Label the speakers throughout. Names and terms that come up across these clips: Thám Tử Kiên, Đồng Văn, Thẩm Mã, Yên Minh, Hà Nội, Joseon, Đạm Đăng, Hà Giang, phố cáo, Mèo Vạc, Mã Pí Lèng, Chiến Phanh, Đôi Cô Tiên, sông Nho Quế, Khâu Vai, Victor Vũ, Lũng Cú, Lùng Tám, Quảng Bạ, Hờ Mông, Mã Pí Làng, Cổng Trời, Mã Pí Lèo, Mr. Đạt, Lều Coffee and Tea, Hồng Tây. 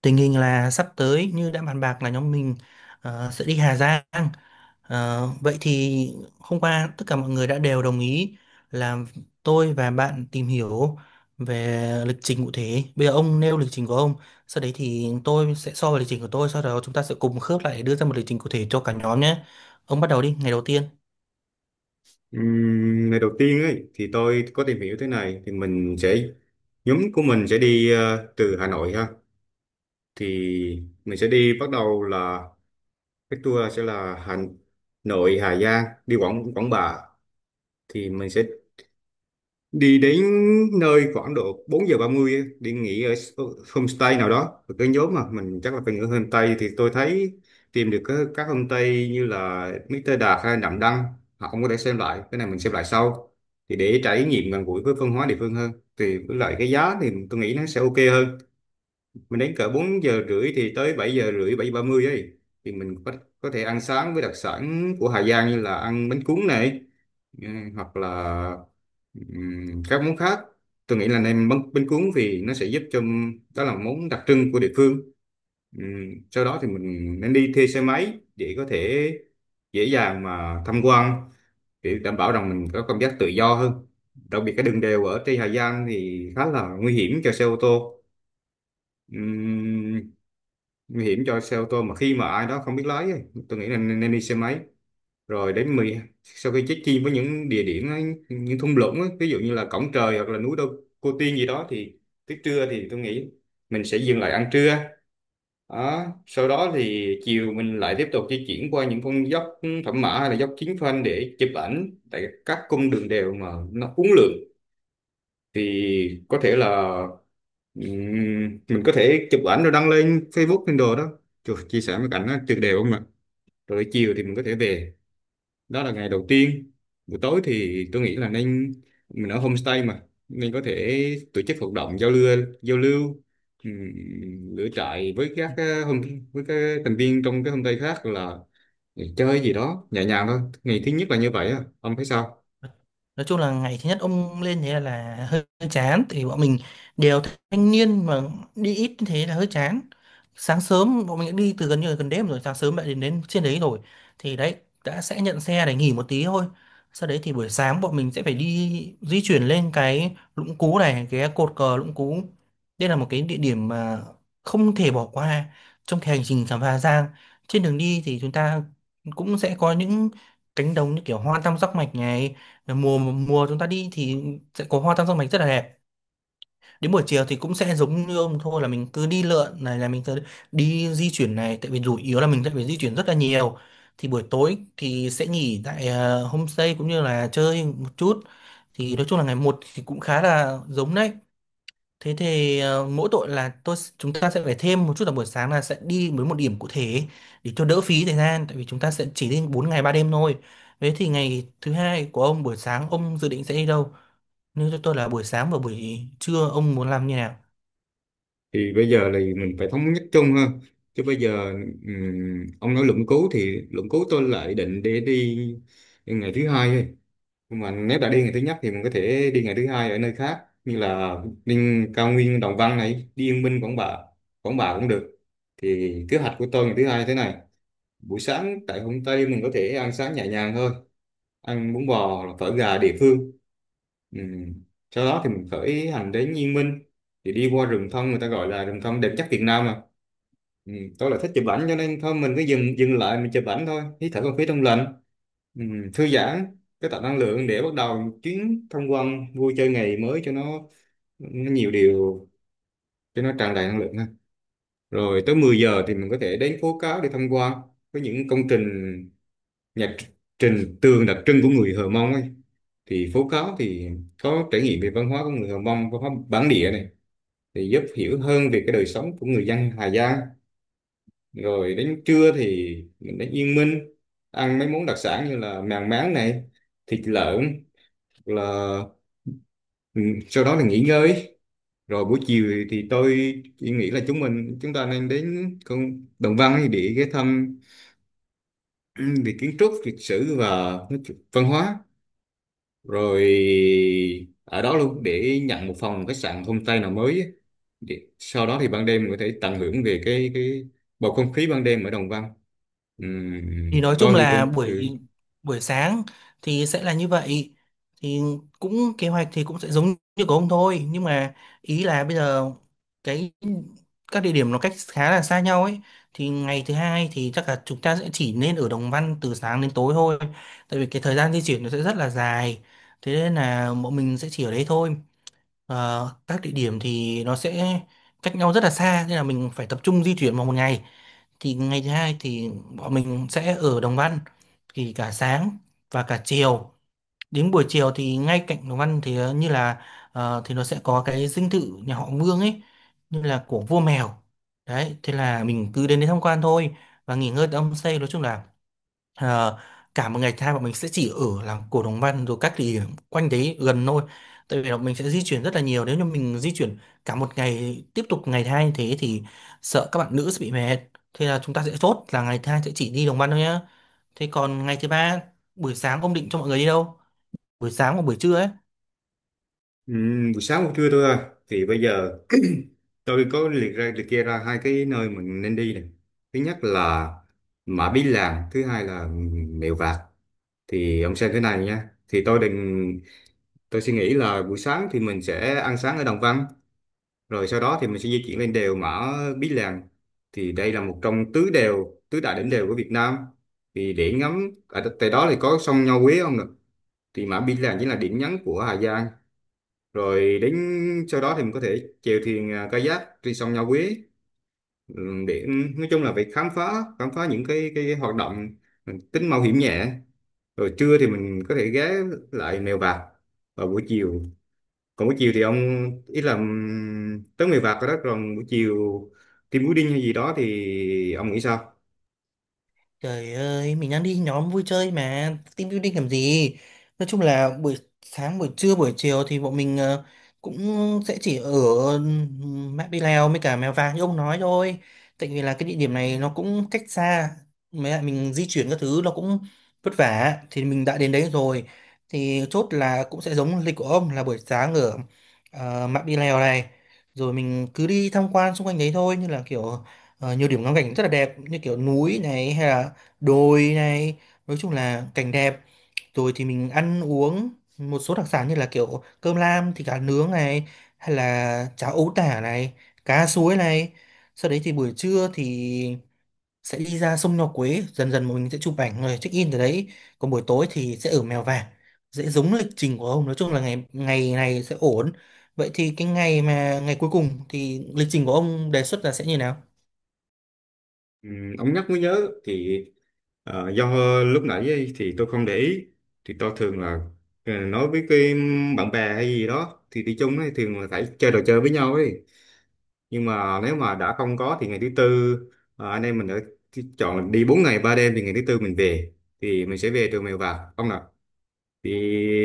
Speaker 1: Tình hình là sắp tới như đã bàn bạc là nhóm mình sẽ đi Hà Giang. Vậy thì hôm qua tất cả mọi người đã đều đồng ý là tôi và bạn tìm hiểu về lịch trình cụ thể. Bây giờ ông nêu lịch trình của ông, sau đấy thì tôi sẽ so với lịch trình của tôi, sau đó chúng ta sẽ cùng khớp lại để đưa ra một lịch trình cụ thể cho cả nhóm nhé. Ông bắt đầu đi, ngày đầu tiên.
Speaker 2: Ngày đầu tiên ấy thì tôi có tìm hiểu thế này thì mình sẽ nhóm của mình sẽ đi từ Hà Nội ha, thì mình sẽ đi bắt đầu là cái tour sẽ là Hà Nội Hà Giang đi Quảng Quảng Bạ, thì mình sẽ đi đến nơi khoảng độ 4:30, đi nghỉ ở homestay nào đó. Và cái nhóm mà mình chắc là phải nghỉ ở homestay, thì tôi thấy tìm được các homestay như là Mr. Đạt hay Đạm Đăng, họ cũng có thể xem lại cái này mình xem lại sau, thì để trải nghiệm gần gũi với văn hóa địa phương hơn, thì với lại cái giá thì tôi nghĩ nó sẽ ok hơn. Mình đến cỡ 4:30 thì tới 7:30 7:30 ấy, thì mình có thể ăn sáng với đặc sản của Hà Giang như là ăn bánh cuốn này. Ờ, hoặc là các món khác, tôi nghĩ là nem bánh, bánh cuốn vì nó sẽ giúp cho, đó là món đặc trưng của địa phương. Sau đó thì mình nên đi thuê xe máy để có thể dễ dàng mà tham quan, để đảm bảo rằng mình có cảm giác tự do hơn, đặc biệt cái đường đèo ở trên Hà Giang thì khá là nguy hiểm cho xe ô tô. Ừm, Nguy hiểm cho xe ô tô mà khi mà ai đó không biết lái ấy, tôi nghĩ là nên đi xe máy, rồi đến 10 sau khi check in với những địa điểm ấy, những thung lũng ấy, ví dụ như là Cổng Trời hoặc là núi Đôi Cô Tiên gì đó, thì tới trưa thì tôi nghĩ mình sẽ dừng lại ăn trưa đó. Sau đó thì chiều mình lại tiếp tục di chuyển qua những con dốc Thẩm Mã hay là dốc Chiến Phanh để chụp ảnh tại các cung đường đèo mà nó uốn lượn, thì có thể là mình có thể chụp ảnh rồi đăng lên Facebook lên đồ đó. Trời, chia sẻ mấy cảnh nó tuyệt đẹp không ạ. Rồi chiều thì mình có thể về, đó là ngày đầu tiên. Buổi tối thì tôi nghĩ là nên mình ở homestay mà, nên có thể tổ chức hoạt động giao lưu lửa trại với các ờ, hôm với các thành viên trong cái homestay khác, là chơi gì đó nhẹ nhàng thôi. Ngày thứ nhất là như vậy á, ông thấy sao?
Speaker 1: Nói chung là ngày thứ nhất ông lên thế là hơi hơi chán. Thì bọn mình đều thanh niên mà, đi ít như thế là hơi chán. Sáng sớm bọn mình đã đi từ gần như là gần đêm, rồi sáng sớm đã đến đến trên đấy rồi, thì đấy đã sẽ nhận xe để nghỉ một tí thôi. Sau đấy thì buổi sáng bọn mình sẽ phải đi di chuyển lên cái Lũng Cú này, cái cột cờ Lũng Cú. Đây là một cái địa điểm mà không thể bỏ qua trong cái hành trình khám phá Giang. Trên đường đi thì chúng ta cũng sẽ có những cánh đồng như kiểu hoa tam giác mạch này, mùa mùa chúng ta đi thì sẽ có hoa tam giác mạch rất là đẹp. Đến buổi chiều thì cũng sẽ giống như ông thôi, là mình cứ đi lượn này, là mình cứ đi di chuyển này, tại vì chủ yếu là mình sẽ phải di chuyển rất là nhiều. Thì buổi tối thì sẽ nghỉ tại homestay cũng như là chơi một chút. Thì nói chung là ngày một thì cũng khá là giống đấy. Thế thì mỗi tội là tôi chúng ta sẽ phải thêm một chút là buổi sáng là sẽ đi với một điểm cụ thể để cho đỡ phí thời gian, tại vì chúng ta sẽ chỉ đi 4 ngày 3 đêm thôi. Thế thì ngày thứ hai của ông buổi sáng ông dự định sẽ đi đâu? Nếu cho tôi là buổi sáng và buổi trưa ông muốn làm như nào?
Speaker 2: Thì bây giờ thì mình phải thống nhất chung ha, chứ bây giờ ông nói luận cứu thì luận cứu tôi lại định để đi ngày thứ hai thôi, nhưng mà nếu đã đi ngày thứ nhất thì mình có thể đi ngày thứ hai ở nơi khác, như là đi cao nguyên Đồng Văn này, đi Yên Minh Quảng Bạ. Quảng Bạ cũng được. Thì kế hoạch của tôi ngày thứ hai thế này: buổi sáng tại Hồng Tây mình có thể ăn sáng nhẹ nhàng thôi, ăn bún bò hoặc phở gà địa phương. Ừ. Sau đó thì mình khởi hành đến Yên Minh, thì đi qua rừng thông, người ta gọi là rừng thông đẹp nhất Việt Nam mà. Ừ. Tôi là thích chụp ảnh cho nên thôi mình cứ dừng dừng lại mình chụp ảnh thôi, hít thở không khí trong lành. Ừ. Thư giãn, cái tạo năng lượng để bắt đầu chuyến tham quan vui chơi ngày mới cho nó nhiều điều, cho nó tràn đầy năng lượng ha. Rồi tới 10 giờ thì mình có thể đến phố cáo để tham quan với những công trình nhạc trình tường đặc trưng của người Hờ Mông ấy. Thì phố cáo thì có trải nghiệm về văn hóa của người Hờ Mông, văn hóa bản địa này, thì giúp hiểu hơn về cái đời sống của người dân Hà Giang. Rồi đến trưa thì mình đến Yên Minh, ăn mấy món đặc sản như là mèn máng này, thịt lợn, là ừ, sau đó là nghỉ ngơi. Rồi buổi chiều thì tôi chỉ nghĩ là chúng ta nên đến con Đồng Văn để ghé thăm, ừ, về kiến trúc lịch sử và văn hóa, rồi ở đó luôn để nhận một phòng khách sạn homestay nào mới á. Để, sau đó thì ban đêm mình có thể tận hưởng về cái bầu không khí ban đêm ở Đồng Văn.
Speaker 1: Thì nói chung
Speaker 2: Tôi thì
Speaker 1: là
Speaker 2: tôi ừ.
Speaker 1: buổi buổi sáng thì sẽ là như vậy. Thì cũng kế hoạch thì cũng sẽ giống như của ông thôi, nhưng mà ý là bây giờ cái các địa điểm nó cách khá là xa nhau ấy. Thì ngày thứ hai thì chắc là chúng ta sẽ chỉ nên ở Đồng Văn từ sáng đến tối thôi. Tại vì cái thời gian di chuyển nó sẽ rất là dài. Thế nên là bọn mình sẽ chỉ ở đấy thôi. Các địa điểm thì nó sẽ cách nhau rất là xa, nên là mình phải tập trung di chuyển vào một ngày. Thì ngày thứ hai thì bọn mình sẽ ở Đồng Văn, thì cả sáng và cả chiều. Đến buổi chiều thì ngay cạnh Đồng Văn thì như là thì nó sẽ có cái dinh thự nhà họ Vương ấy, như là của vua mèo. Đấy, thế là mình cứ đến đấy tham quan thôi và nghỉ ngơi tại homestay. Nói chung là Ờ, cả một ngày hai bọn mình sẽ chỉ ở làng Cổ Đồng Văn rồi các địa điểm quanh đấy gần thôi, tại vì là mình sẽ di chuyển rất là nhiều. Nếu như mình di chuyển cả một ngày tiếp tục ngày hai như thế thì sợ các bạn nữ sẽ bị mệt. Thế là chúng ta sẽ chốt là ngày hai sẽ chỉ đi Đồng Văn thôi nhá. Thế còn ngày thứ ba buổi sáng ông định cho mọi người đi đâu, buổi sáng hoặc buổi trưa ấy?
Speaker 2: Buổi sáng buổi trưa thôi à. Thì bây giờ tôi có liệt kê ra hai cái nơi mình nên đi này: thứ nhất là Mã Pí Làng, thứ hai là Mèo Vạc. Thì ông xem thế này nha, thì tôi suy nghĩ là buổi sáng thì mình sẽ ăn sáng ở Đồng Văn, rồi sau đó thì mình sẽ di chuyển lên đèo Mã Pí Lèng, thì đây là một trong tứ đèo tứ đại đỉnh đèo của Việt Nam, thì để ngắm ở tại đó thì có sông Nho Quế không nè. Thì Mã Pí Lèng chính là điểm nhấn của Hà Giang. Rồi đến, sau đó thì mình có thể chèo thuyền à, kayak trên sông Nho Quế, ừ, để nói chung là phải khám phá những cái hoạt động tính mạo hiểm nhẹ. Rồi trưa thì mình có thể ghé lại Mèo Vạc vào buổi chiều. Còn buổi chiều thì ông, ý là tới người vặt rồi đó, còn buổi chiều team building hay gì đó thì ông nghĩ sao?
Speaker 1: Trời ơi, mình đang đi nhóm vui chơi mà, team building làm gì? Nói chung là buổi sáng, buổi trưa, buổi chiều thì bọn mình cũng sẽ chỉ ở Mã Pí Lèo với cả Mèo Vạc như ông nói thôi. Tại vì là cái địa điểm này nó cũng cách xa, mấy lại mình di chuyển các thứ nó cũng vất vả. Thì mình đã đến đấy rồi, thì chốt là cũng sẽ giống lịch của ông, là buổi sáng ở Mã Pí Lèo này. Rồi mình cứ đi tham quan xung quanh đấy thôi, như là kiểu nhiều điểm ngắm cảnh rất là đẹp, như kiểu núi này hay là đồi này, nói chung là cảnh đẹp. Rồi thì mình ăn uống một số đặc sản như là kiểu cơm lam thịt cá nướng này, hay là cháo ấu tả này, cá suối này. Sau đấy thì buổi trưa thì sẽ đi ra sông Nho Quế, dần dần mình sẽ chụp ảnh rồi check in từ đấy. Còn buổi tối thì sẽ ở Mèo Vạc, dễ giống lịch trình của ông. Nói chung là ngày ngày này sẽ ổn. Vậy thì cái ngày mà ngày cuối cùng thì lịch trình của ông đề xuất là sẽ như nào?
Speaker 2: Ông nhắc mới nhớ thì do lúc nãy ấy, thì tôi không để ý. Thì tôi thường là nói với cái bạn bè hay gì đó thì đi chung ấy, thường là phải chơi trò chơi với nhau ấy. Nhưng mà nếu mà đã không có thì ngày thứ tư anh em mình đã chọn đi 4 ngày 3 đêm, thì ngày thứ tư mình về. Thì mình sẽ về từ Mèo Vạc ông nào. Thì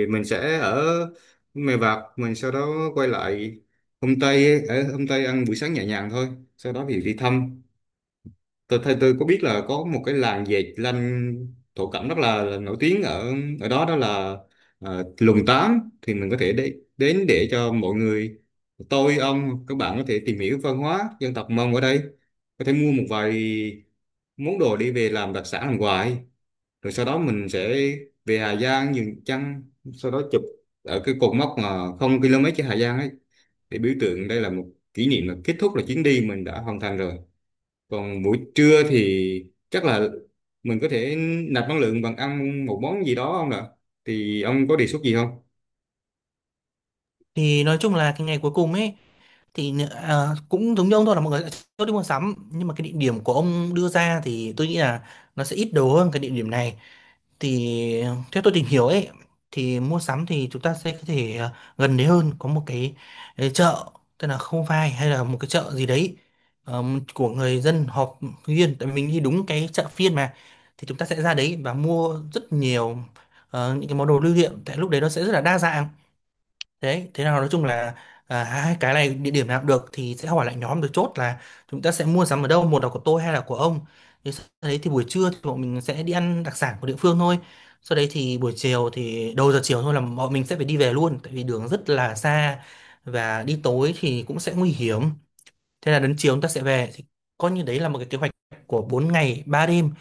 Speaker 2: mình sẽ ở Mèo Vạc mình sau đó quay lại hôm Tây, ở hôm Tây ăn buổi sáng nhẹ nhàng thôi. Sau đó thì đi thăm, tôi thấy tôi có biết là có một cái làng dệt lanh thổ cẩm rất là nổi tiếng ở ở đó đó là Lùng Tám, thì mình có thể đến để cho mọi người, tôi ông các bạn có thể tìm hiểu văn hóa dân tộc Mông ở đây, có thể mua một vài món đồ đi về làm đặc sản làm quà. Rồi sau đó mình sẽ về Hà Giang dừng chân, sau đó chụp ở cái cột mốc mà không km trên Hà Giang ấy, để biểu tượng đây là một kỷ niệm là kết thúc, là chuyến đi mình đã hoàn thành rồi. Còn buổi trưa thì chắc là mình có thể nạp năng lượng bằng ăn một món gì đó không ạ, thì ông có đề xuất gì không?
Speaker 1: Thì nói chung là cái ngày cuối cùng ấy thì cũng giống như ông thôi, là mọi người sẽ chốt đi mua sắm, nhưng mà cái địa điểm của ông đưa ra thì tôi nghĩ là nó sẽ ít đồ hơn cái địa điểm này. Thì theo tôi tìm hiểu ấy thì mua sắm thì chúng ta sẽ có thể gần đấy hơn, có một cái chợ tên là Khâu Vai hay là một cái chợ gì đấy, ờ, của người dân họp riêng, tại vì mình đi đúng cái chợ phiên mà. Thì chúng ta sẽ ra đấy và mua rất nhiều những cái món đồ lưu niệm, tại lúc đấy nó sẽ rất là đa dạng. Thế, thế nào nói chung là hai cái này địa điểm nào cũng được, thì sẽ hỏi lại nhóm được chốt là chúng ta sẽ mua sắm ở đâu, một là của tôi hay là của ông. Thì sau đấy thì buổi trưa thì bọn mình sẽ đi ăn đặc sản của địa phương thôi. Sau đấy thì buổi chiều thì đầu giờ chiều thôi là bọn mình sẽ phải đi về luôn, tại vì đường rất là xa và đi tối thì cũng sẽ nguy hiểm. Thế là đến chiều chúng ta sẽ về, thì coi như đấy là một cái kế hoạch của 4 ngày 3 đêm.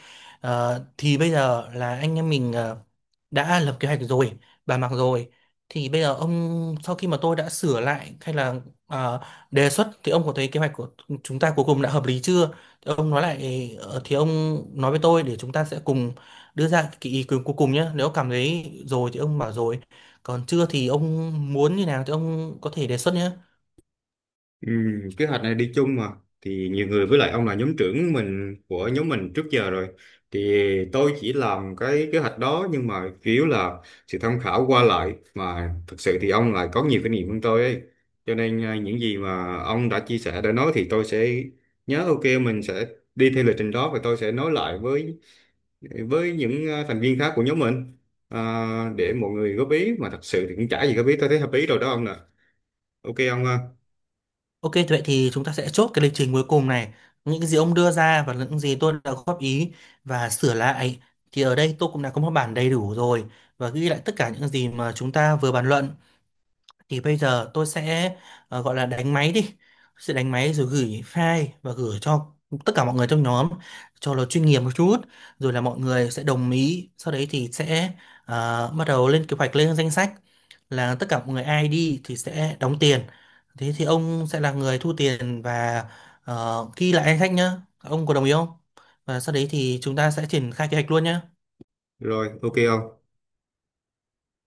Speaker 1: Thì bây giờ là anh em mình đã lập kế hoạch rồi, bàn bạc rồi. Thì bây giờ ông sau khi mà tôi đã sửa lại hay là ờ, đề xuất, thì ông có thấy kế hoạch của chúng ta cuối cùng đã hợp lý chưa? Thì ông nói lại, thì ông nói với tôi để chúng ta sẽ cùng đưa ra cái ý kiến cuối cùng nhé. Nếu cảm thấy rồi thì ông bảo rồi. Còn chưa thì ông muốn như nào thì ông có thể đề xuất nhé.
Speaker 2: Ừ, kế hoạch này đi chung mà, thì nhiều người, với lại ông là nhóm trưởng của nhóm mình trước giờ rồi, thì tôi chỉ làm cái kế hoạch đó, nhưng mà chủ yếu là sự tham khảo qua lại, mà thực sự thì ông lại có nhiều kinh nghiệm hơn tôi ấy, cho nên à, những gì mà ông đã chia sẻ đã nói thì tôi sẽ nhớ, ok mình sẽ đi theo lịch trình đó, và tôi sẽ nói lại với những à, thành viên khác của nhóm mình, à, để mọi người góp ý. Mà thật sự thì cũng chả gì góp ý, tôi thấy hợp lý rồi đó ông nè. Ok ông ha.
Speaker 1: Ok, vậy thì chúng ta sẽ chốt cái lịch trình cuối cùng này. Những cái gì ông đưa ra và những gì tôi đã góp ý và sửa lại thì ở đây tôi cũng đã có một bản đầy đủ rồi và ghi lại tất cả những gì mà chúng ta vừa bàn luận. Thì bây giờ tôi sẽ gọi là đánh máy đi, sẽ đánh máy rồi gửi file và gửi cho tất cả mọi người trong nhóm cho nó chuyên nghiệp một chút. Rồi là mọi người sẽ đồng ý, sau đấy thì sẽ bắt đầu lên kế hoạch, lên danh sách là tất cả mọi người ai đi thì sẽ đóng tiền. Thế thì ông sẽ là người thu tiền và ghi lại danh sách nhá. Ông có đồng ý không? Và sau đấy thì chúng ta sẽ triển khai kế hoạch luôn nhá.
Speaker 2: Rồi ok ông.